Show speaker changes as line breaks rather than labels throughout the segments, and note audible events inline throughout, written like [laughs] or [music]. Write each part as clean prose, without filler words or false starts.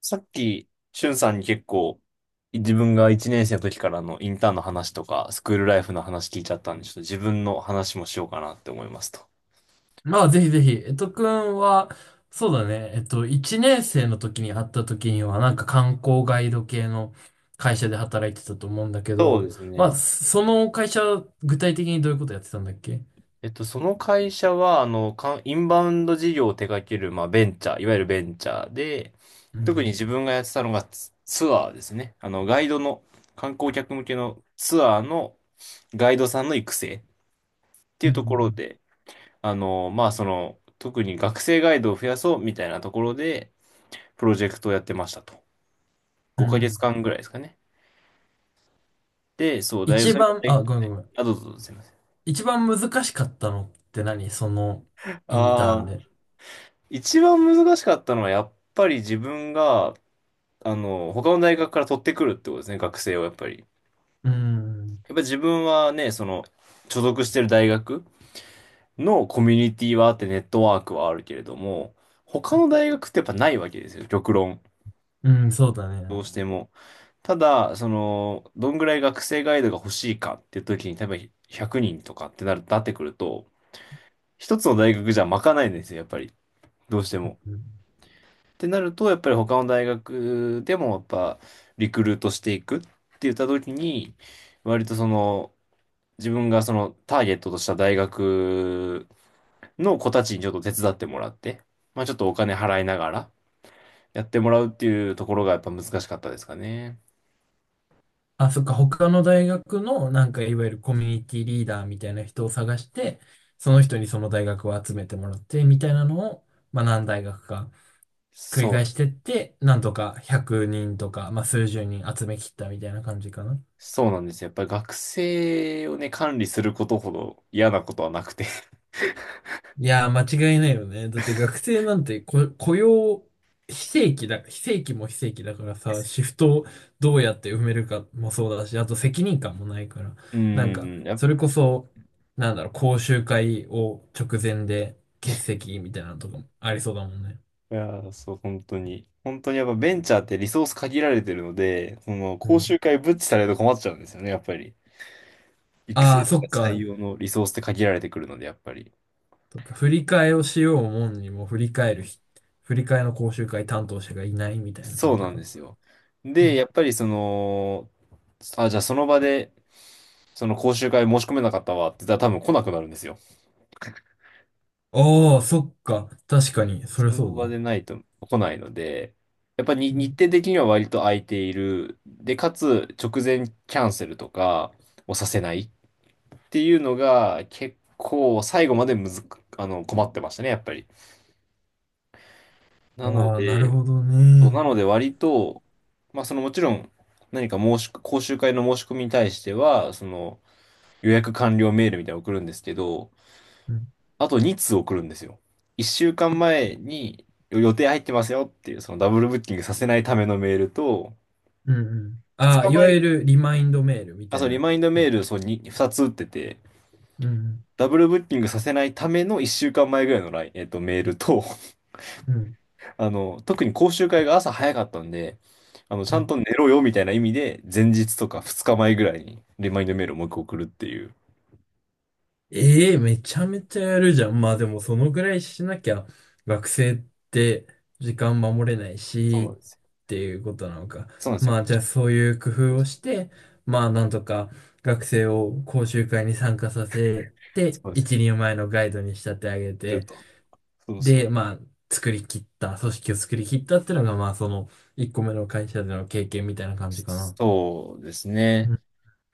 さっき、しゅんさんに結構、自分が1年生の時からのインターンの話とか、スクールライフの話聞いちゃったんで、ちょっと自分の話もしようかなって思いますと。
まあ、ぜひぜひ。くんは、そうだね。1年生の時に会った時には、なんか観光ガイド系の会社で働いてたと思うんだけ
そうで
ど、
す
まあ、
ね。
その会社、具体的にどういうことやってたんだっけ？
その会社は、インバウンド事業を手掛ける、まあ、ベンチャー、いわゆるベンチャーで、
う
特に
ん。
自分がやってたのがツアーですね。あの、ガイドの、観光客向けのツアーのガイドさんの育成って
う
いうところ
ん
で、特に学生ガイドを増やそうみたいなところで、プロジェクトをやってましたと。
うんうん。
5
う
ヶ
ん。
月間ぐらいですかね。で、そう、大学、
一
それが
番、
大、
あ、ごめんごめん。
あ、どうぞどうぞ、すいません。
一番難しかったのって何、その、インターン
ああ、
で。
一番難しかったのは、やっぱり自分が、他の大学から取ってくるってことですね、学生をやっぱり。やっ
うん。
ぱり自分はね、所属してる大学のコミュニティはあって、ネットワークはあるけれども、他の大学ってやっぱないわけですよ、極論。
うん、そうだ
ど
ね。
うしても。ただ、どんぐらい学生ガイドが欲しいかっていう時に、多分100人とかってなってくると、一つの大学じゃ賄えないんですよ、やっぱり。どうして
う
も。
ん。
ってなると、やっぱり他の大学でもやっぱリクルートしていくって言った時に、割と自分がそのターゲットとした大学の子たちにちょっと手伝ってもらって、まあちょっとお金払いながらやってもらうっていうところがやっぱ難しかったですかね。
あ、そっか、他の大学の、なんか、いわゆるコミュニティリーダーみたいな人を探して、その人にその大学を集めてもらって、みたいなのを、まあ、何大学か繰り
そ
返し
う、
てって、なんとか100人とか、まあ、数十人集めきったみたいな感じかな。
そうなんですよ。やっぱり学生をね、管理することほど嫌なことはなくて。
いやー、間違いないよね。だって学生なんてこ雇用、非正規だ、非正規も非正規だからさ、シフトをどうやって埋めるかもそうだし、あと責任感もないから、
[laughs] うん、
それこそ、なんだろう、講習会を直前で欠席みたいなのとかもありそうだもんね。
いやー、そう、本当に。本当にやっぱベンチャーってリソース限られてるので、
う
講
ん。
習会ブッチされると困っちゃうんですよね、やっぱり。育
あ
成
あ、
と
そっ
か採
か。
用のリソースって限られてくるので、やっぱり。
そっか、振り替えをしようもんにも振り替えるひ、振り替えの講習会担当者がいないみたいな
そ
感
う
じ
なん
か。
ですよ。
う
で、や
ん。
っぱりその、あ、じゃあその場で、その講習会申し込めなかったわって言ったら多分来なくなるんですよ。[laughs]
ああ、そっか。確かに、そりゃ
その
そう
場
だ。
でないと来ないので、やっぱり
う
日
ん。
程的には割と空いている。で、かつ直前キャンセルとかをさせない。っていうのが結構最後までむずく、あの、困ってましたね、やっぱり。なの
ああ、なる
で、
ほどね。
割と、まあそのもちろん何か申し、講習会の申し込みに対しては、その予約完了メールみたいなの送るんですけど、
うん、
あと2通送るんですよ。1週間前に予定入ってますよっていう、そのダブルブッキングさせないためのメールと、
うん、うん。
2
ああ、い
日
わゆ
前、
るリマインドメールみ
あ、
た
そ
い
う、リ
な
マインドメ
や
ール、
つ。
そう、2つ打ってて、
うん、
ダブルブッキングさせないための1週間前ぐらいのライン、えっと、メールと、
うん、
特に講習会が朝早かったんで、ち
う
ゃん
ん。
と寝ろよみたいな意味で、前日とか2日前ぐらいにリマインドメールをもう一個送るっていう。
ええ、めちゃめちゃやるじゃん。まあでも、そのぐらいしなきゃ、学生って時間守れない
そうなん
し、
ですよ。
っていうことなのか。
そうなんですよ。
まあ、じゃあそういう工
そう
夫をして、まあ、なんとか学生を講習会に参加させて、
です
一
よ。
人前のガイドに仕立て上げ
する
て、
と。そうそう。
で、まあ、作り切った、組織を作り切ったっていうのが、まあ、その、1個目の会社での経験みたいな感じかな。
そうです
う
ね。
ん。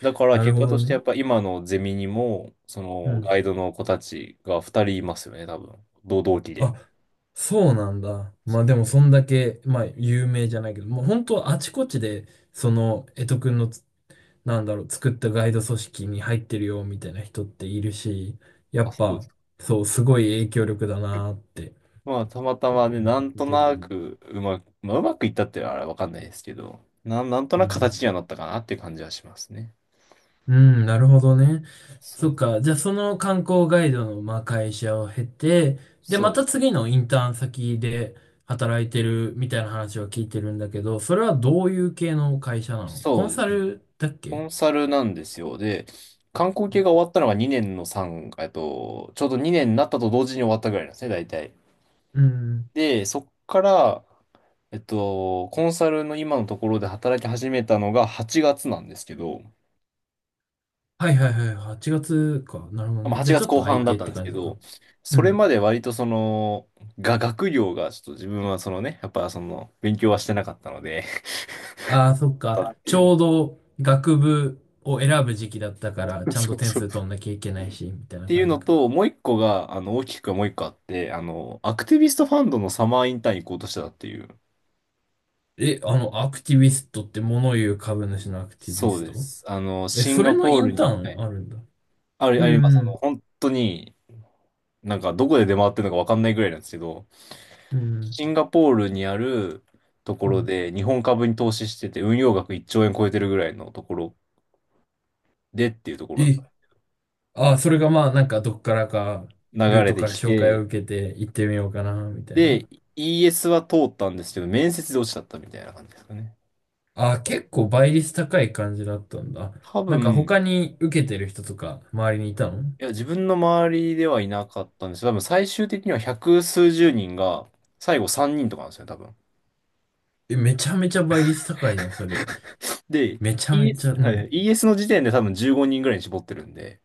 だから
なる
結
ほ
果と
ど
して
ね。
やっぱ今のゼミにも、そ
う
の
ん。
ガイドの子たちが2人いますよね、多分。同期で。
あ、そうなんだ。ま
そ
あ、
う
でも、そんだけ、まあ、有名じゃないけど、もう本当あちこちで、その、江戸くんのつ、なんだろう、作ったガイド組織に入ってるよ、みたいな人っているし、や
あ、
っ
そうで
ぱ、
す。
そう、すごい影響力だなーって。
まあ、たまた
う
まね、
ん。
なんと
できる
な
ね。
くうまく、まあ、うまくいったってのはあれわかんないですけど、なんと
う
なく
ん。
形にはなったかなっていう感じはしますね。
うん、なるほどね。
そ
そっ
う、
か。じゃあ、その観光ガイドの、まあ、会社を経て、で、
そ
ま
う、
た次のインターン先で働いてるみたいな話を聞いてるんだけど、それはどういう系の会社なの？コ
そ
ン
うで
サ
すね。
ルだっ
コ
け？
ンサルなんですよ。で、観光系が終わったのが2年の3、えっと、ちょうど2年になったと同時に終わったぐらいなんですね、大体。
うん。
で、そっから、コンサルの今のところで働き始めたのが8月なんですけど、
はいはいはい。8月か。なるほど
まあ、
ね。じ
8
ゃあ、ち
月
ょっと
後
空
半
い
だっ
てっ
たん
て
です
感
け
じか。
ど、
う
それ
ん。
まで割と学業がちょっと自分はそのね、やっぱその、勉強はしてなかったので、
ああ、そっ
[laughs] だっ
か。
て
ち
いう
ょうど学部を選ぶ時期だったから、
の。[laughs]
ちゃん
そ
と
う
点
そう。
数
っ
取んなきゃいけないし、みたいな
ていう
感じ
の
か。
と、もう一個が、あの、大きくはもう一個あって、アクティビストファンドのサマーインターン行こうとしてたっていう。
え、あの、アクティビストって物言う株主のアクティビ
そう
ス
で
ト？
す。
え、
シン
それ
ガ
の
ポ
イ
ール
ンター
に、は
ンあ
い、
るんだ。う
あります。
ん。
本当に、なんかどこで出回ってるのかわかんないぐらいなんですけど、
うん、うん、
シンガポールにあるとこ
う
ろ
ん。
で日本株に投資してて、運用額1兆円超えてるぐらいのところでっていうところだった。
え、あ、それがまあ、なんかどっからか、
流
ルー
れ
ト
て
から
き
紹介を
て、
受けて行ってみようかな、みたいな。
で、ES は通ったんですけど、面接で落ちちゃったみたいな感じですかね。
あ、結構倍率高い感じだったんだ。
多
なんか
分、
他に受けてる人とか、周りにいたの？
いや、自分の周りではいなかったんですけど、多分最終的には百数十人が、最後3人とかなんですよね、多分。
え、めちゃめちゃ倍率高いじゃん、それ。
で、
めちゃめち
ES、
ゃ、う
はいはい、
ん。
ES の時点で多分15人ぐらいに絞ってるんで、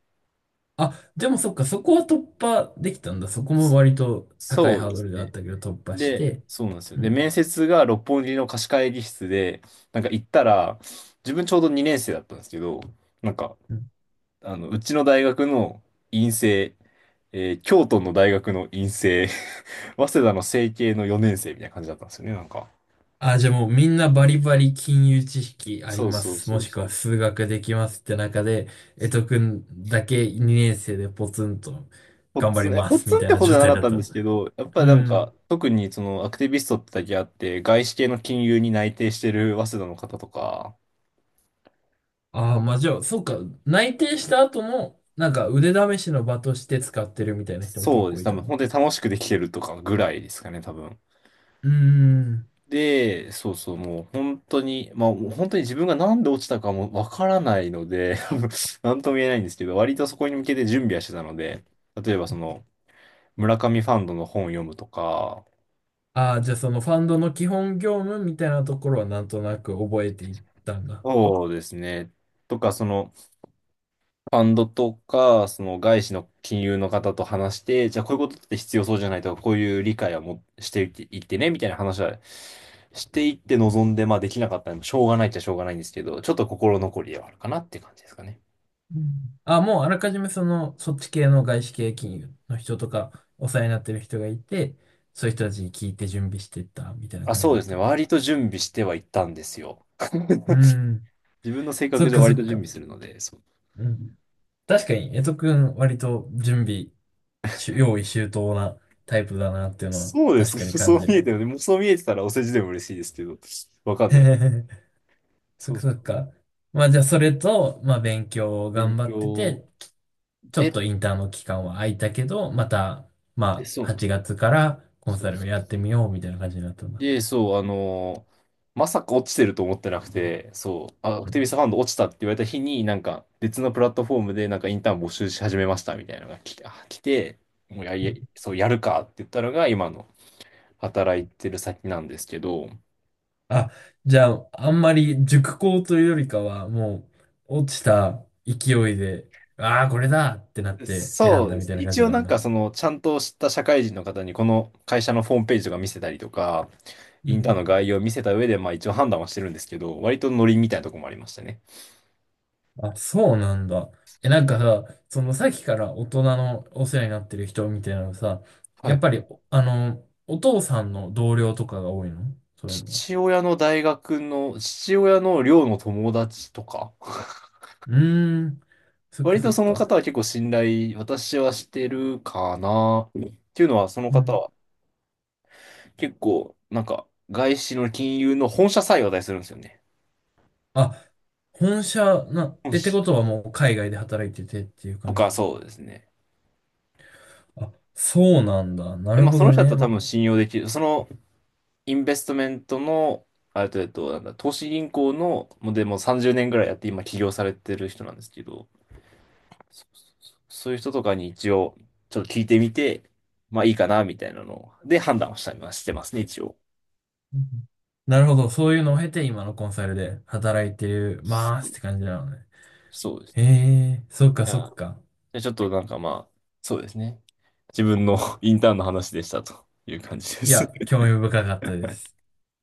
あ、でもそっか、そこは突破できたんだ。そこも割と高い
そう
ハー
で
ド
す
ルであっ
ね。
たけど突破し
で、
て。
そうなんですよ。
う
で、
ん。
面接が六本木の貸し会議室で、なんか行ったら、自分ちょうど2年生だったんですけど、なんか、
うん。
うちの大学の院生、京都の大学の院生、[laughs] 早稲田の成蹊の4年生みたいな感じだったんですよね、なんか。
あ、じゃあもうみんなバリバリ金融知識あり
そう
ま
そう
す。
そ
も
う
しく
そ
は
う。
数学できますって中で、江戸くんだけ2年生でポツンと
ポッ
頑張
ツ
り
ン、いや
ま
ポッ
す
ツ
み
ンっ
たい
て
な
ほどじ
状
ゃな
態
かっ
だっ
たんで
た。
すけど、やっぱ
う
りなん
ん。
か、特にそのアクティビストってだけあって、外資系の金融に内定してる早稲田の方とか、
ああ、まあじゃあ、そっか、内定した後も、なんか腕試しの場として使ってるみたいな人も
そ
結
うで
構
す。
い
多
た
分
の
本当
か。
に楽しくできてるとかぐらいですかね、多分。
うーん。
で、そうそう、もう本当に自分がなんで落ちたかもわからないので、[laughs] なんとも言えないんですけど、割とそこに向けて準備はしてたので、例えばその、村上ファンドの本を読むとか、
ああ、じゃあそのファンドの基本業務みたいなところはなんとなく覚えていったんだ。
そうですね、とか、ファンドとか、その外資の金融の方と話して、じゃあこういうことって必要そうじゃないとか、こういう理解はもしていっていってね、みたいな話はしていって望んで、まあできなかったらしょうがないっちゃしょうがないんですけど、ちょっと心残りではあるかなって感じですかね。
うん。あ、もうあらかじめその、そっち系の外資系金融の人とか、お世話になってる人がいて、そういう人たちに聞いて準備していった、みたいな
あ、
感じ
そう
だっ
ですね。
たんだ。
割と準備してはいったんですよ。
う
[laughs]
ん。
自分の性
そ
格
っ
上
かそ
割と
っ
準
か。
備するので、そう。
うん。確かに、江戸くん割と準備し、用意周到なタイプだなっていうのは
そうです
確
か。
かに
[laughs]
感
そう
じ
見
る
え
わ。
てるね。もうそう見えてたらお世辞でも嬉しいですけど、わかんない。
[laughs] そ
そ
っ
う
か
そ
そっ
う。
か。まあじゃあそれと、まあ勉強を頑
勉
張って
強
て、ちょっ
で、
とインターンの期間は空いたけど、また、
で
ま
そ
あ、
うなんで
8
す。
月からコン
そう
サ
で
ルを
す。
やってみようみたいな感じになったんだ。
で、そう、まさか落ちてると思ってなくて、そう、ア
う
クティビ
ん。
ストファンド落ちたって言われた日に、なんか別のプラットフォームでなんかインターン募集し始めましたみたいなのが来て、もうや
うん。
り、そう、やるかって言ったのが今の働いてる先なんですけど、
あ、じゃあ、あんまり熟考というよりかは、もう、落ちた勢いで、ああ、これだってなって選ん
そう
だ
で
み
す
たい
ね。
な感
一
じ
応
な
な
ん
ん
だ。
かちゃんと知った社会人の方にこの会社のホームページとか見せたりとか、
う
インターンの
ん。
概要を見せた上で、まあ一応判断はしてるんですけど、割とノリみたいなとこもありましたね。
あ、そうなんだ。え、なんかさ、そのさっきから大人のお世話になってる人みたいなのさ、
は
やっ
い。
ぱり、あの、お父さんの同僚とかが多いの？そういうのは。
父親の大学の、父親の寮の友達とか、[laughs]
うーん。そっか
割
そ
と
っ
その
か。
方は結構信頼、私はしてるかな。っていうのは、その
う
方
ん。
は結構、なんか、外資の金融の本社さえ話題するんですよね。
あ、本社な、
本
え、って
社
ことはもう海外で働いててっていう
と
感
か、
じ？
そうですね。
あ、そうなんだ。な
で、
る
まあ、
ほ
その
ど
人だった
ね。
ら多
ま、
分信用できる。そのインベストメントの、あれと、えっと、なんだ、投資銀行の、もうでも30年ぐらいやって今起業されてる人なんですけど、そういう人とかに一応、ちょっと聞いてみて、まあいいかな、みたいなのを判断をしたりはしてますね、一応。
うん、なるほど。そういうのを経て今のコンサルで働いて
そ
ま
う
すって感じなのね。
そうです。
へえ、そっかそっ
あ、
か。
じゃあちょっとなんかまあ、そうですね。自分の [laughs] インターンの話でしたという感じで
い
す。
や、
[laughs]
興味深かったです。